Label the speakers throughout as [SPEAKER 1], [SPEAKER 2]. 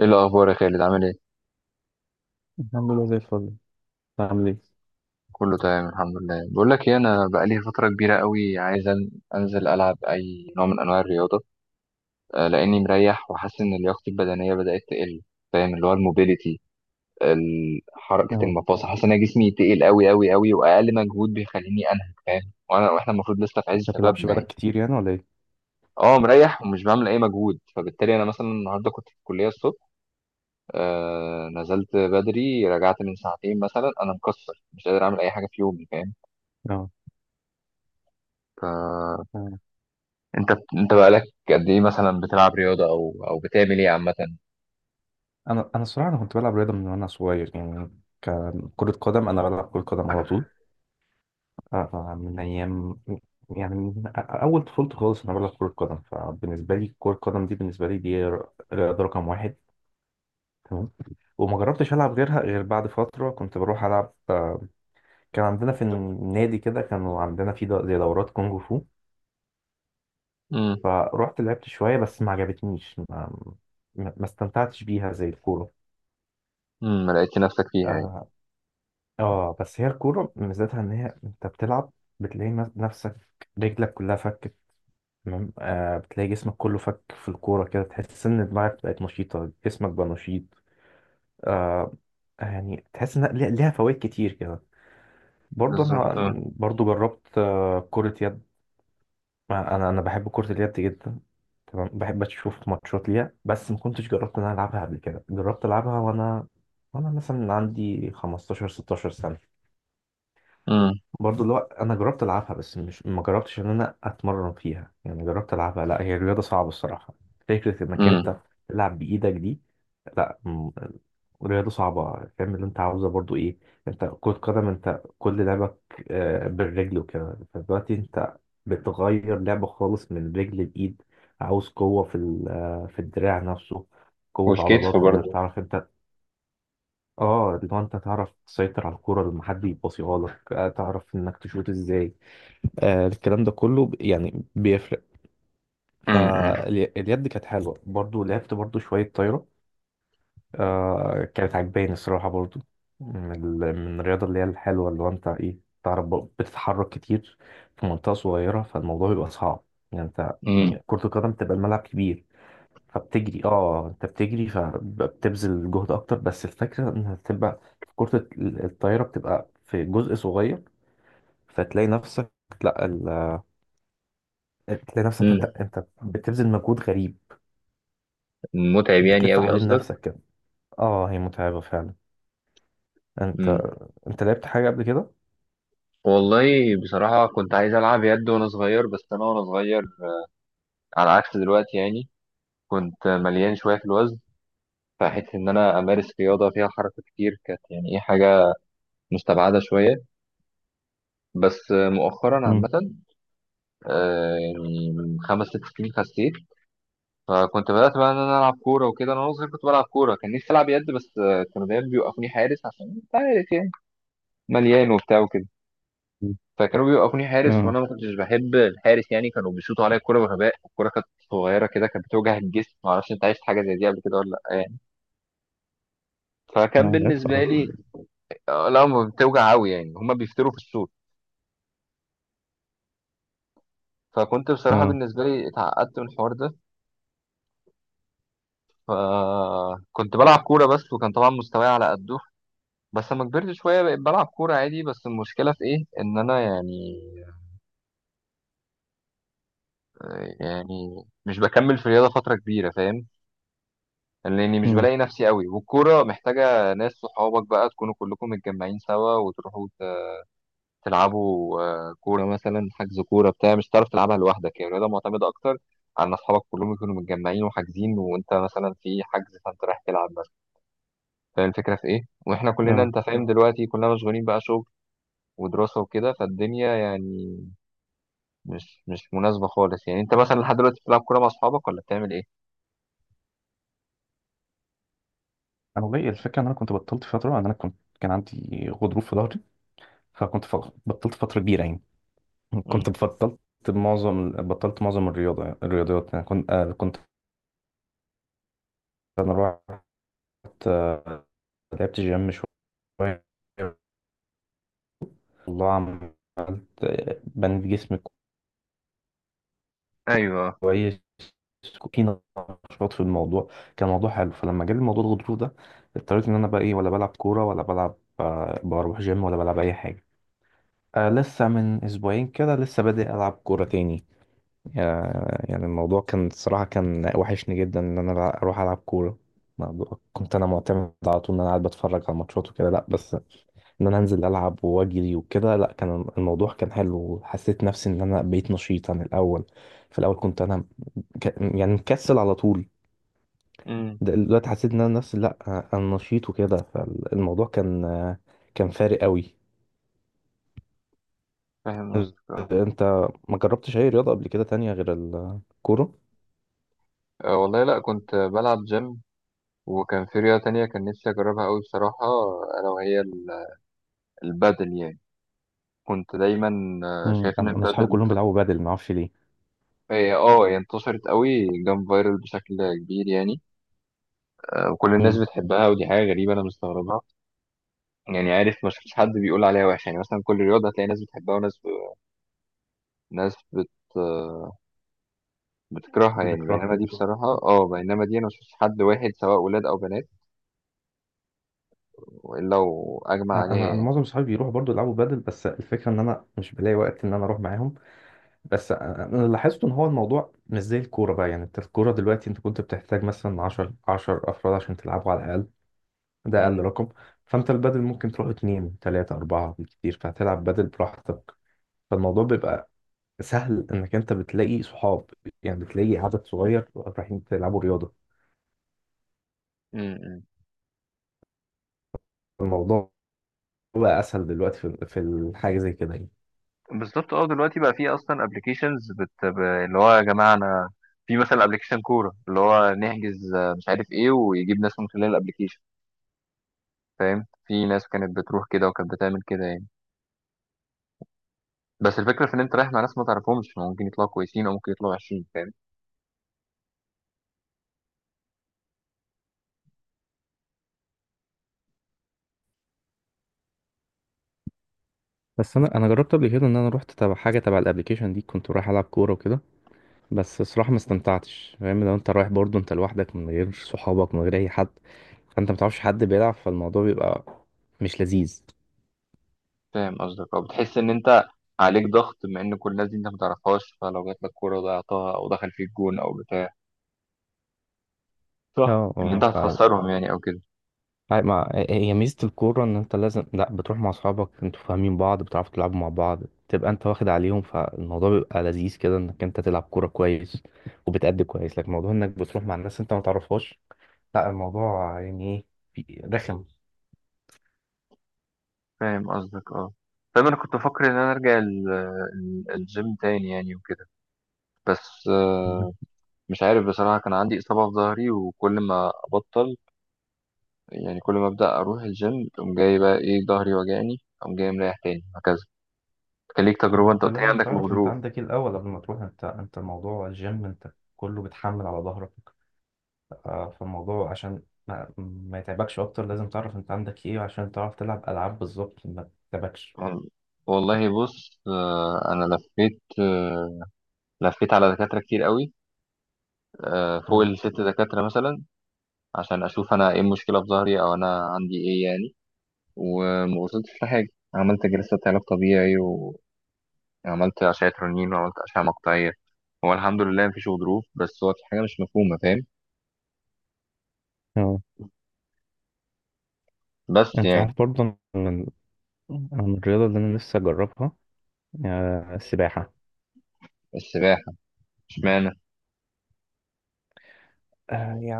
[SPEAKER 1] ايه الاخبار يا خالد؟ عامل ايه؟
[SPEAKER 2] الحمد لله زي الفل. انت عامل ايه؟
[SPEAKER 1] كله تمام الحمد لله. بقول لك ايه، انا بقالي فتره كبيره قوي عايز انزل العب اي نوع من انواع الرياضه. آه، لاني مريح وحاسس ان لياقتي البدنيه بدات تقل. فاهم؟ اللي هو الموبيليتي، حركه
[SPEAKER 2] اه،
[SPEAKER 1] المفاصل. حاسس ان أنا جسمي تقل قوي قوي قوي، واقل مجهود بيخليني انهك. فاهم؟ وانا واحنا المفروض لسه في
[SPEAKER 2] انت
[SPEAKER 1] عز
[SPEAKER 2] ما بتلعبش
[SPEAKER 1] شبابنا
[SPEAKER 2] بقالك
[SPEAKER 1] يعني.
[SPEAKER 2] كتير يعني ولا ايه؟
[SPEAKER 1] اه، مريح ومش بعمل اي مجهود، فبالتالي انا مثلا النهارده كنت في الكليه الصبح. آه، نزلت بدري رجعت من ساعتين مثلا، انا مكسر مش قادر اعمل اي حاجه في يومي. فاهم؟
[SPEAKER 2] اه.
[SPEAKER 1] ف
[SPEAKER 2] اه،
[SPEAKER 1] انت انت بقالك قد ايه مثلا بتلعب رياضة او بتعمل ايه عامة؟
[SPEAKER 2] انا الصراحه انا كنت بلعب رياضه من وانا صغير يعني. كان كره قدم، انا بلعب كره قدم على طول، من ايام يعني، من اول طفولتي خالص انا بلعب كره قدم. فبالنسبه لي كره القدم دي، بالنسبه لي دي رياضه رقم واحد. تمام. وما جربتش العب غيرها، غير بعد فتره كنت بروح العب، كان عندنا في النادي كده، كانوا عندنا في زي دورات كونغ فو.
[SPEAKER 1] امم.
[SPEAKER 2] فروحت لعبت شوية، بس ما عجبتنيش. ما استمتعتش بيها زي الكورة.
[SPEAKER 1] امم، ما لقيتش نفسك فيها يعني؟
[SPEAKER 2] آه. آه بس هي الكورة ميزتها إن هي أنت بتلعب، بتلاقي نفسك، رجلك كلها فكت. تمام. آه بتلاقي جسمك كله فك في الكورة كده، تحس إن دماغك بقت نشيطة، جسمك بقى نشيط. آه. يعني تحس إن ليها فوائد كتير كده. برضه
[SPEAKER 1] بالظبط.
[SPEAKER 2] أنا، برضه جربت آه كرة يد. انا بحب كرة اليد جدا. تمام، بحب اشوف ماتشات ليها، بس ما كنتش جربت ان انا العبها قبل كده. جربت العبها وانا، وانا مثلا عندي 15 16 سنة.
[SPEAKER 1] امم.
[SPEAKER 2] برضه اللي هو انا جربت العبها، بس مش، ما جربتش ان انا اتمرن فيها يعني، جربت العبها. لا هي الرياضه صعبه الصراحه. فكره انك انت
[SPEAKER 1] امم.
[SPEAKER 2] تلعب بايدك دي، لا، رياضه صعبه. فاهم اللي انت عاوزه برضه ايه؟ انت كره قدم، انت كل لعبك بالرجل وكده، فدلوقتي انت بتغير لعبه خالص من رجل لايد، عاوز قوه في في الدراع نفسه، قوة
[SPEAKER 1] والكتف
[SPEAKER 2] عضلات، انك
[SPEAKER 1] برضه.
[SPEAKER 2] تعرف انت. اه لو انت تعرف تسيطر على الكرة لما حد يبصيها لك، تعرف انك تشوط ازاي، الكلام ده كله يعني بيفرق.
[SPEAKER 1] امم.
[SPEAKER 2] فاليد كانت حلوة برضو، لعبت برضو شوية طايرة، آه كانت عجباني الصراحة برضو. من، من الرياضة اللي هي الحلوة، اللي هو انت ايه، تعرف بقى بتتحرك كتير في منطقة صغيرة، فالموضوع بيبقى صعب يعني انت.
[SPEAKER 1] امم.
[SPEAKER 2] يعني كرة القدم بتبقى الملعب كبير فبتجري، اه انت بتجري فبتبذل جهد اكتر، بس الفكرة انها بتبقى في كرة الطايرة بتبقى في جزء صغير، فتلاقي نفسك، لا بتلاقي نفسك، انت
[SPEAKER 1] امم.
[SPEAKER 2] انت بتبذل مجهود غريب،
[SPEAKER 1] متعب يعني
[SPEAKER 2] بتلف
[SPEAKER 1] قوي
[SPEAKER 2] حوالين
[SPEAKER 1] قصدك؟
[SPEAKER 2] نفسك كده. اه هي متعبة فعلا. انت،
[SPEAKER 1] امم.
[SPEAKER 2] انت لعبت حاجة قبل كده؟
[SPEAKER 1] والله بصراحة كنت عايز ألعب يد وأنا صغير، بس أنا وأنا صغير على عكس دلوقتي يعني كنت مليان شوية في الوزن. فحيث إن أنا أمارس رياضة فيها حركة كتير، كانت يعني إيه، حاجة مستبعدة شوية. بس مؤخرا
[SPEAKER 2] مم.
[SPEAKER 1] عامة، آه، يعني من 5 6 سنين خسيت، فكنت بدأت بقى إن أنا ألعب كورة وكده. أنا وأنا صغير كنت بلعب كورة، كان نفسي ألعب يد بس آه، كانوا دايما بيوقفوني حارس عشان أنت عارف يعني، مليان وبتاع وكده.
[SPEAKER 2] مم.
[SPEAKER 1] فكانوا بيوقفوني حارس وأنا
[SPEAKER 2] اه،
[SPEAKER 1] ما كنتش بحب الحارس يعني. كانوا بيشوطوا عليا الكورة بغباء، الكورة كانت صغيرة كده كانت بتوجع الجسم. معرفش أنت عشت حاجة زي دي قبل كده ولا لأ يعني. فكان
[SPEAKER 2] انا عارف
[SPEAKER 1] بالنسبة
[SPEAKER 2] اه.
[SPEAKER 1] لي آه، لا ما بتوجع أوي يعني، هما بيفتروا في الصوت. فكنت بصراحة
[SPEAKER 2] اه.
[SPEAKER 1] بالنسبة لي اتعقدت من الحوار ده. فكنت بلعب كورة بس، وكان طبعا مستواي على قده. بس لما كبرت شوية بقيت بلعب كورة عادي، بس المشكلة في إيه؟ إن أنا يعني، يعني مش بكمل في الرياضة فترة كبيرة. فاهم؟ لأني مش
[SPEAKER 2] مم.
[SPEAKER 1] بلاقي نفسي قوي، والكورة محتاجة ناس، صحابك بقى تكونوا كلكم متجمعين سوا وتروحوا تلعبوا آه، كورة مثلا. حجز كورة بتاع، مش هتعرف تلعبها لوحدك. هي الرياضة معتمدة أكتر على إن أصحابك كلهم يكونوا متجمعين وحاجزين، وأنت مثلا في حجز فأنت رايح تلعب مثلا. فاهم الفكرة في إيه؟ وإحنا كلنا
[SPEAKER 2] اه،
[SPEAKER 1] أنت فاهم دلوقتي كلنا مشغولين بقى شغل ودراسة وكده، فالدنيا يعني مش مناسبة خالص يعني. انت مثلا لحد دلوقتي بتلعب كورة مع اصحابك ولا بتعمل ايه؟
[SPEAKER 2] انا والله الفكرة ان انا كنت بطلت فترة، ان انا كنت كان عندي غضروف في ظهري. فكنت بطلت فترة كبيرة يعني،
[SPEAKER 1] امم.
[SPEAKER 2] كنت بطلت، معظم بطلت معظم الرياضة الرياضيات يعني. كنت كنت، انا رحت، آه، لعبت جيم شوية، والله عملت، بنيت جسم
[SPEAKER 1] ايوه.
[SPEAKER 2] كويس، في نشاط في الموضوع، كان موضوع حلو. فلما جالي موضوع الغضروف ده، اضطريت ان انا بقى ايه، ولا بلعب كوره ولا بلعب بروح جيم ولا بلعب اي حاجه. آه لسه من اسبوعين كده، لسه بادئ العب كوره تاني. آه يعني الموضوع كان الصراحه، كان وحشني جدا ان انا بقى اروح العب كوره. كنت انا معتمد على طول ان انا قاعد بتفرج على ماتشات وكده، لا بس ان انا انزل العب واجري وكده، لا كان الموضوع كان حلو، وحسيت نفسي ان انا بقيت نشيط عن الاول. في الاول كنت انا يعني مكسل على طول،
[SPEAKER 1] امم.
[SPEAKER 2] دلوقتي حسيت ان انا نفسي لا، انا نشيط وكده. فالموضوع كان، كان فارق قوي.
[SPEAKER 1] فاهم قصدك، اه.
[SPEAKER 2] انت ما جربتش اي رياضه قبل كده تانية غير الكوره؟
[SPEAKER 1] اه، والله لا، كنت بلعب جيم. وكان في رياضة تانية كان نفسي اجربها قوي بصراحة، الا وهي البادل يعني. كنت دايما اه،
[SPEAKER 2] مم.
[SPEAKER 1] شايف ان
[SPEAKER 2] انا
[SPEAKER 1] البادل
[SPEAKER 2] اصحابي كلهم بيلعبوا بادل ما اعرفش ليه.
[SPEAKER 1] آه، هي اه هي انتشرت قوي، جام فايرال بشكل كبير يعني. اه، وكل الناس
[SPEAKER 2] مم.
[SPEAKER 1] بتحبها ودي حاجة غريبة انا مستغربها. يعني عارف، ما شفتش حد بيقول عليها وحش يعني. مثلا كل رياضة هتلاقي ناس بتحبها وناس ب... ناس بت آه، بتكرهها يعني. بينما
[SPEAKER 2] بكرهها.
[SPEAKER 1] دي بصراحة اه بينما دي أنا مشفتش حد واحد سواء ولاد أو بنات إلا وأجمع
[SPEAKER 2] انا
[SPEAKER 1] عليها
[SPEAKER 2] انا أنا
[SPEAKER 1] يعني.
[SPEAKER 2] معظم صحابي بيروحوا برضو يلعبوا بادل، بس الفكره ان انا مش بلاقي وقت ان انا اروح معاهم. بس انا، أنا لاحظت ان هو الموضوع مش زي الكوره بقى، يعني انت الكوره دلوقتي انت كنت بتحتاج مثلا 10 افراد عشان تلعبوا على الاقل، ده اقل
[SPEAKER 1] مم.
[SPEAKER 2] رقم. فانت البدل ممكن تروح اتنين تلاتة اربعة بالكتير، فهتلعب بدل براحتك. فالموضوع بيبقى سهل، انك انت بتلاقي صحاب يعني، بتلاقي عدد صغير رايحين تلعبوا رياضة.
[SPEAKER 1] مم. مم.
[SPEAKER 2] الموضوع بقى اسهل دلوقتي في الحاجة زي كده يعني.
[SPEAKER 1] بالظبط، اه دلوقتي بقى في اصلا ابلكيشنز اللي هو يا جماعه انا، في مثلا ابلكيشن كوره اللي هو نحجز آه، مش عارف ايه، ويجيب ناس من خلال الابلكيشن. فاهم؟ في ناس كانت بتروح كده وكانت بتعمل كده يعني. بس الفكره في ان انت رايح مع ناس ما تعرفهمش، ممكن يطلعوا كويسين او ممكن يطلعوا وحشين. فاهم؟
[SPEAKER 2] بس انا جربت قبل كده ان انا رحت تبع حاجه تبع الابليكيشن دي، كنت رايح العب كوره وكده. بس الصراحه ما استمتعتش، فاهم؟ لو انت رايح برضه انت لوحدك من غير صحابك من غير اي حد، فانت ما تعرفش حد بيلعب، فالموضوع بيبقى مش لذيذ.
[SPEAKER 1] فاهم قصدك، اه. بتحس ان انت عليك ضغط، بما ان كل الناس دي انت ما تعرفهاش، فلو جات لك كوره ضيعتها او دخل فيك جون او بتاع، صح
[SPEAKER 2] اه.
[SPEAKER 1] ان انت
[SPEAKER 2] اه.
[SPEAKER 1] هتخسرهم يعني او كده.
[SPEAKER 2] ما هي ميزة الكورة إن أنت لازم، لأ بتروح مع أصحابك أنتوا فاهمين بعض، بتعرفوا تلعبوا مع بعض، تبقى أنت واخد عليهم، فالموضوع بيبقى لذيذ كده، إنك أنت تلعب كورة كويس وبتأدي كويس. لكن موضوع إنك بتروح مع الناس أنت ما تعرفهاش، لأ الموضوع يعني إيه، رخم.
[SPEAKER 1] فاهم قصدك، اه. فاهم، انا كنت بفكر ان انا ارجع الجيم تاني يعني وكده. بس
[SPEAKER 2] مهم.
[SPEAKER 1] آه، مش عارف بصراحه، كان عندي اصابه في ظهري وكل ما ابطل يعني، كل ما ابدا اروح الجيم تقوم جاي بقى ايه ظهري وجعني، اقوم جاي مريح تاني، وهكذا. كان ليك
[SPEAKER 2] ما
[SPEAKER 1] تجربه انت
[SPEAKER 2] أنت
[SPEAKER 1] قلت لي
[SPEAKER 2] لازم
[SPEAKER 1] عندك
[SPEAKER 2] تعرف أنت
[SPEAKER 1] الغضروف.
[SPEAKER 2] عندك إيه الأول قبل ما تروح. أنت، أنت موضوع الجيم أنت كله بتحمل على ظهرك، فالموضوع عشان ما يتعبكش أكتر، لازم تعرف أنت عندك إيه، عشان تعرف تلعب ألعاب بالظبط ما تتعبكش.
[SPEAKER 1] وال- والله بص، آه، انا لفيت آه، لفيت على دكاترة كتير قوي، آه، فوق ال6 دكاترة مثلا، عشان أشوف أنا إيه المشكلة في ظهري أو أنا عندي إيه يعني. وما وصلتش لحاجة. عملت جلسة علاج طبيعي، وعملت أشعة رنين، وعملت أشعة مقطعية. هو الحمد لله مفيش غضروف، بس هو في حاجة مش مفهومة. فاهم؟
[SPEAKER 2] آه.
[SPEAKER 1] بس
[SPEAKER 2] انت
[SPEAKER 1] يعني.
[SPEAKER 2] عارف برضه أنا من، أنا من الرياضة اللي انا نفسي اجربها، السباحة.
[SPEAKER 1] السباحة؟ اشمعنى؟
[SPEAKER 2] آه يعني،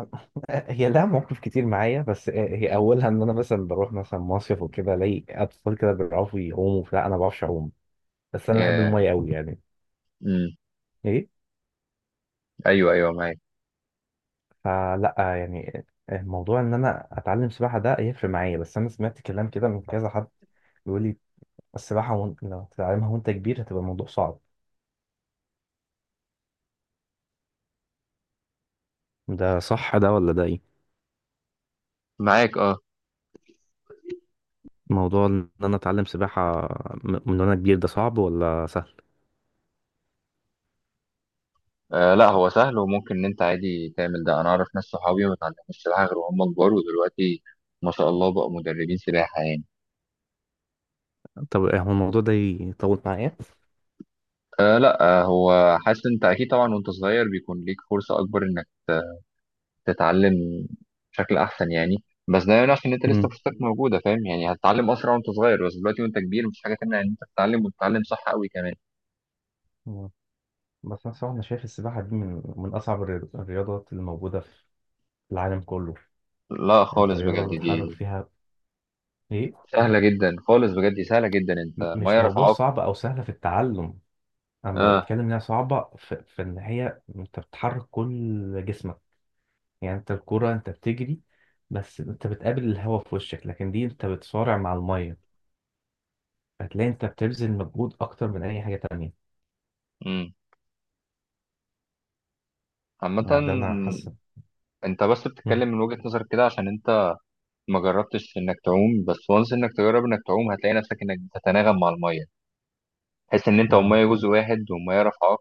[SPEAKER 2] هي لها مواقف كتير معايا، بس هي اولها ان انا مثلا بروح مثلا مصيف وكده، الاقي اطفال كده بيعرفوا يعوموا، لا انا ما بعرفش اعوم، بس انا بحب
[SPEAKER 1] آه،
[SPEAKER 2] الميه قوي يعني.
[SPEAKER 1] مم،
[SPEAKER 2] ايه.
[SPEAKER 1] أيوه أيوه معاك.
[SPEAKER 2] فلا يعني، الموضوع ان انا اتعلم سباحه ده هيفرق معايا. بس انا سمعت كلام كده من كذا حد، بيقول لي السباحه وانت لو تتعلمها وانت كبير هتبقى الموضوع صعب. ده صح ده ولا ده ايه؟
[SPEAKER 1] معاك، أه.
[SPEAKER 2] موضوع ان انا اتعلم سباحة من وانا كبير ده صعب ولا سهل؟
[SPEAKER 1] آه، لا هو سهل وممكن إن أنت عادي تعمل ده. أنا أعرف ناس صحابي ما اتعلموش السباحة غير وهم كبار، ودلوقتي ما شاء الله بقوا مدربين سباحة يعني.
[SPEAKER 2] طب إيه هو الموضوع ده يطول معايا؟
[SPEAKER 1] أه لا، أه هو حاسس انت اكيد، طبعا وانت صغير بيكون ليك فرصة اكبر انك تتعلم بشكل احسن يعني، بس ده يمنعش ان انت لسه
[SPEAKER 2] امم.
[SPEAKER 1] فرصتك موجودة. فاهم يعني؟ هتتعلم اسرع وانت صغير، بس دلوقتي وانت كبير مش حاجة تمنع ان انت تتعلم، وتتعلم صح قوي كمان.
[SPEAKER 2] مم. بس أنا صراحة أنا شايف السباحة دي من، من أصعب الرياضات اللي موجودة في العالم كله.
[SPEAKER 1] لا
[SPEAKER 2] أنت
[SPEAKER 1] خالص بجد،
[SPEAKER 2] رياضة بتحرك
[SPEAKER 1] دي
[SPEAKER 2] فيها إيه،
[SPEAKER 1] سهلة جدا خالص، بجد دي سهلة جدا، انت ما
[SPEAKER 2] مش
[SPEAKER 1] يعرف
[SPEAKER 2] موضوع
[SPEAKER 1] عاقل.
[SPEAKER 2] صعب أو سهل في التعلم. أنا
[SPEAKER 1] اه.
[SPEAKER 2] بتكلم إنها صعبة في، في إن هي أنت بتحرك كل جسمك يعني. أنت الكرة أنت بتجري، بس أنت بتقابل الهواء في وشك، لكن دي أنت بتصارع مع المية، هتلاقي أنت بتبذل مجهود أكتر من أي حاجة تانية
[SPEAKER 1] امم. عامة
[SPEAKER 2] يعني. ده انا حاسس.
[SPEAKER 1] انت بس
[SPEAKER 2] مم.
[SPEAKER 1] بتتكلم من وجهة نظرك كده عشان انت ما جربتش انك تعوم. بس وانس انك تجرب انك تعوم، هتلاقي نفسك انك بتتناغم مع المية، تحس ان انت
[SPEAKER 2] اه.
[SPEAKER 1] ومية جزء واحد، ومية رافعاك،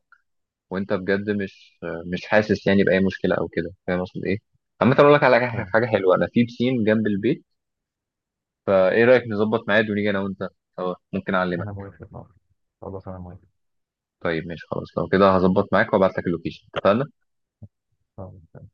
[SPEAKER 1] وانت بجد مش حاسس يعني باي مشكله او كده. فاهم اقصد ايه؟ عامه اقول لك على حاجه،
[SPEAKER 2] اه،
[SPEAKER 1] حاجة حلوه، انا في بسين جنب البيت، فايه رايك نظبط ميعاد ونيجي انا وانت سوا، ممكن
[SPEAKER 2] انا
[SPEAKER 1] اعلمك.
[SPEAKER 2] موافق. آه. خلاص انا موافق.
[SPEAKER 1] طيب ماشي خلاص، لو كده هظبط معاك وابعت لك اللوكيشن. اتفقنا؟
[SPEAKER 2] آه.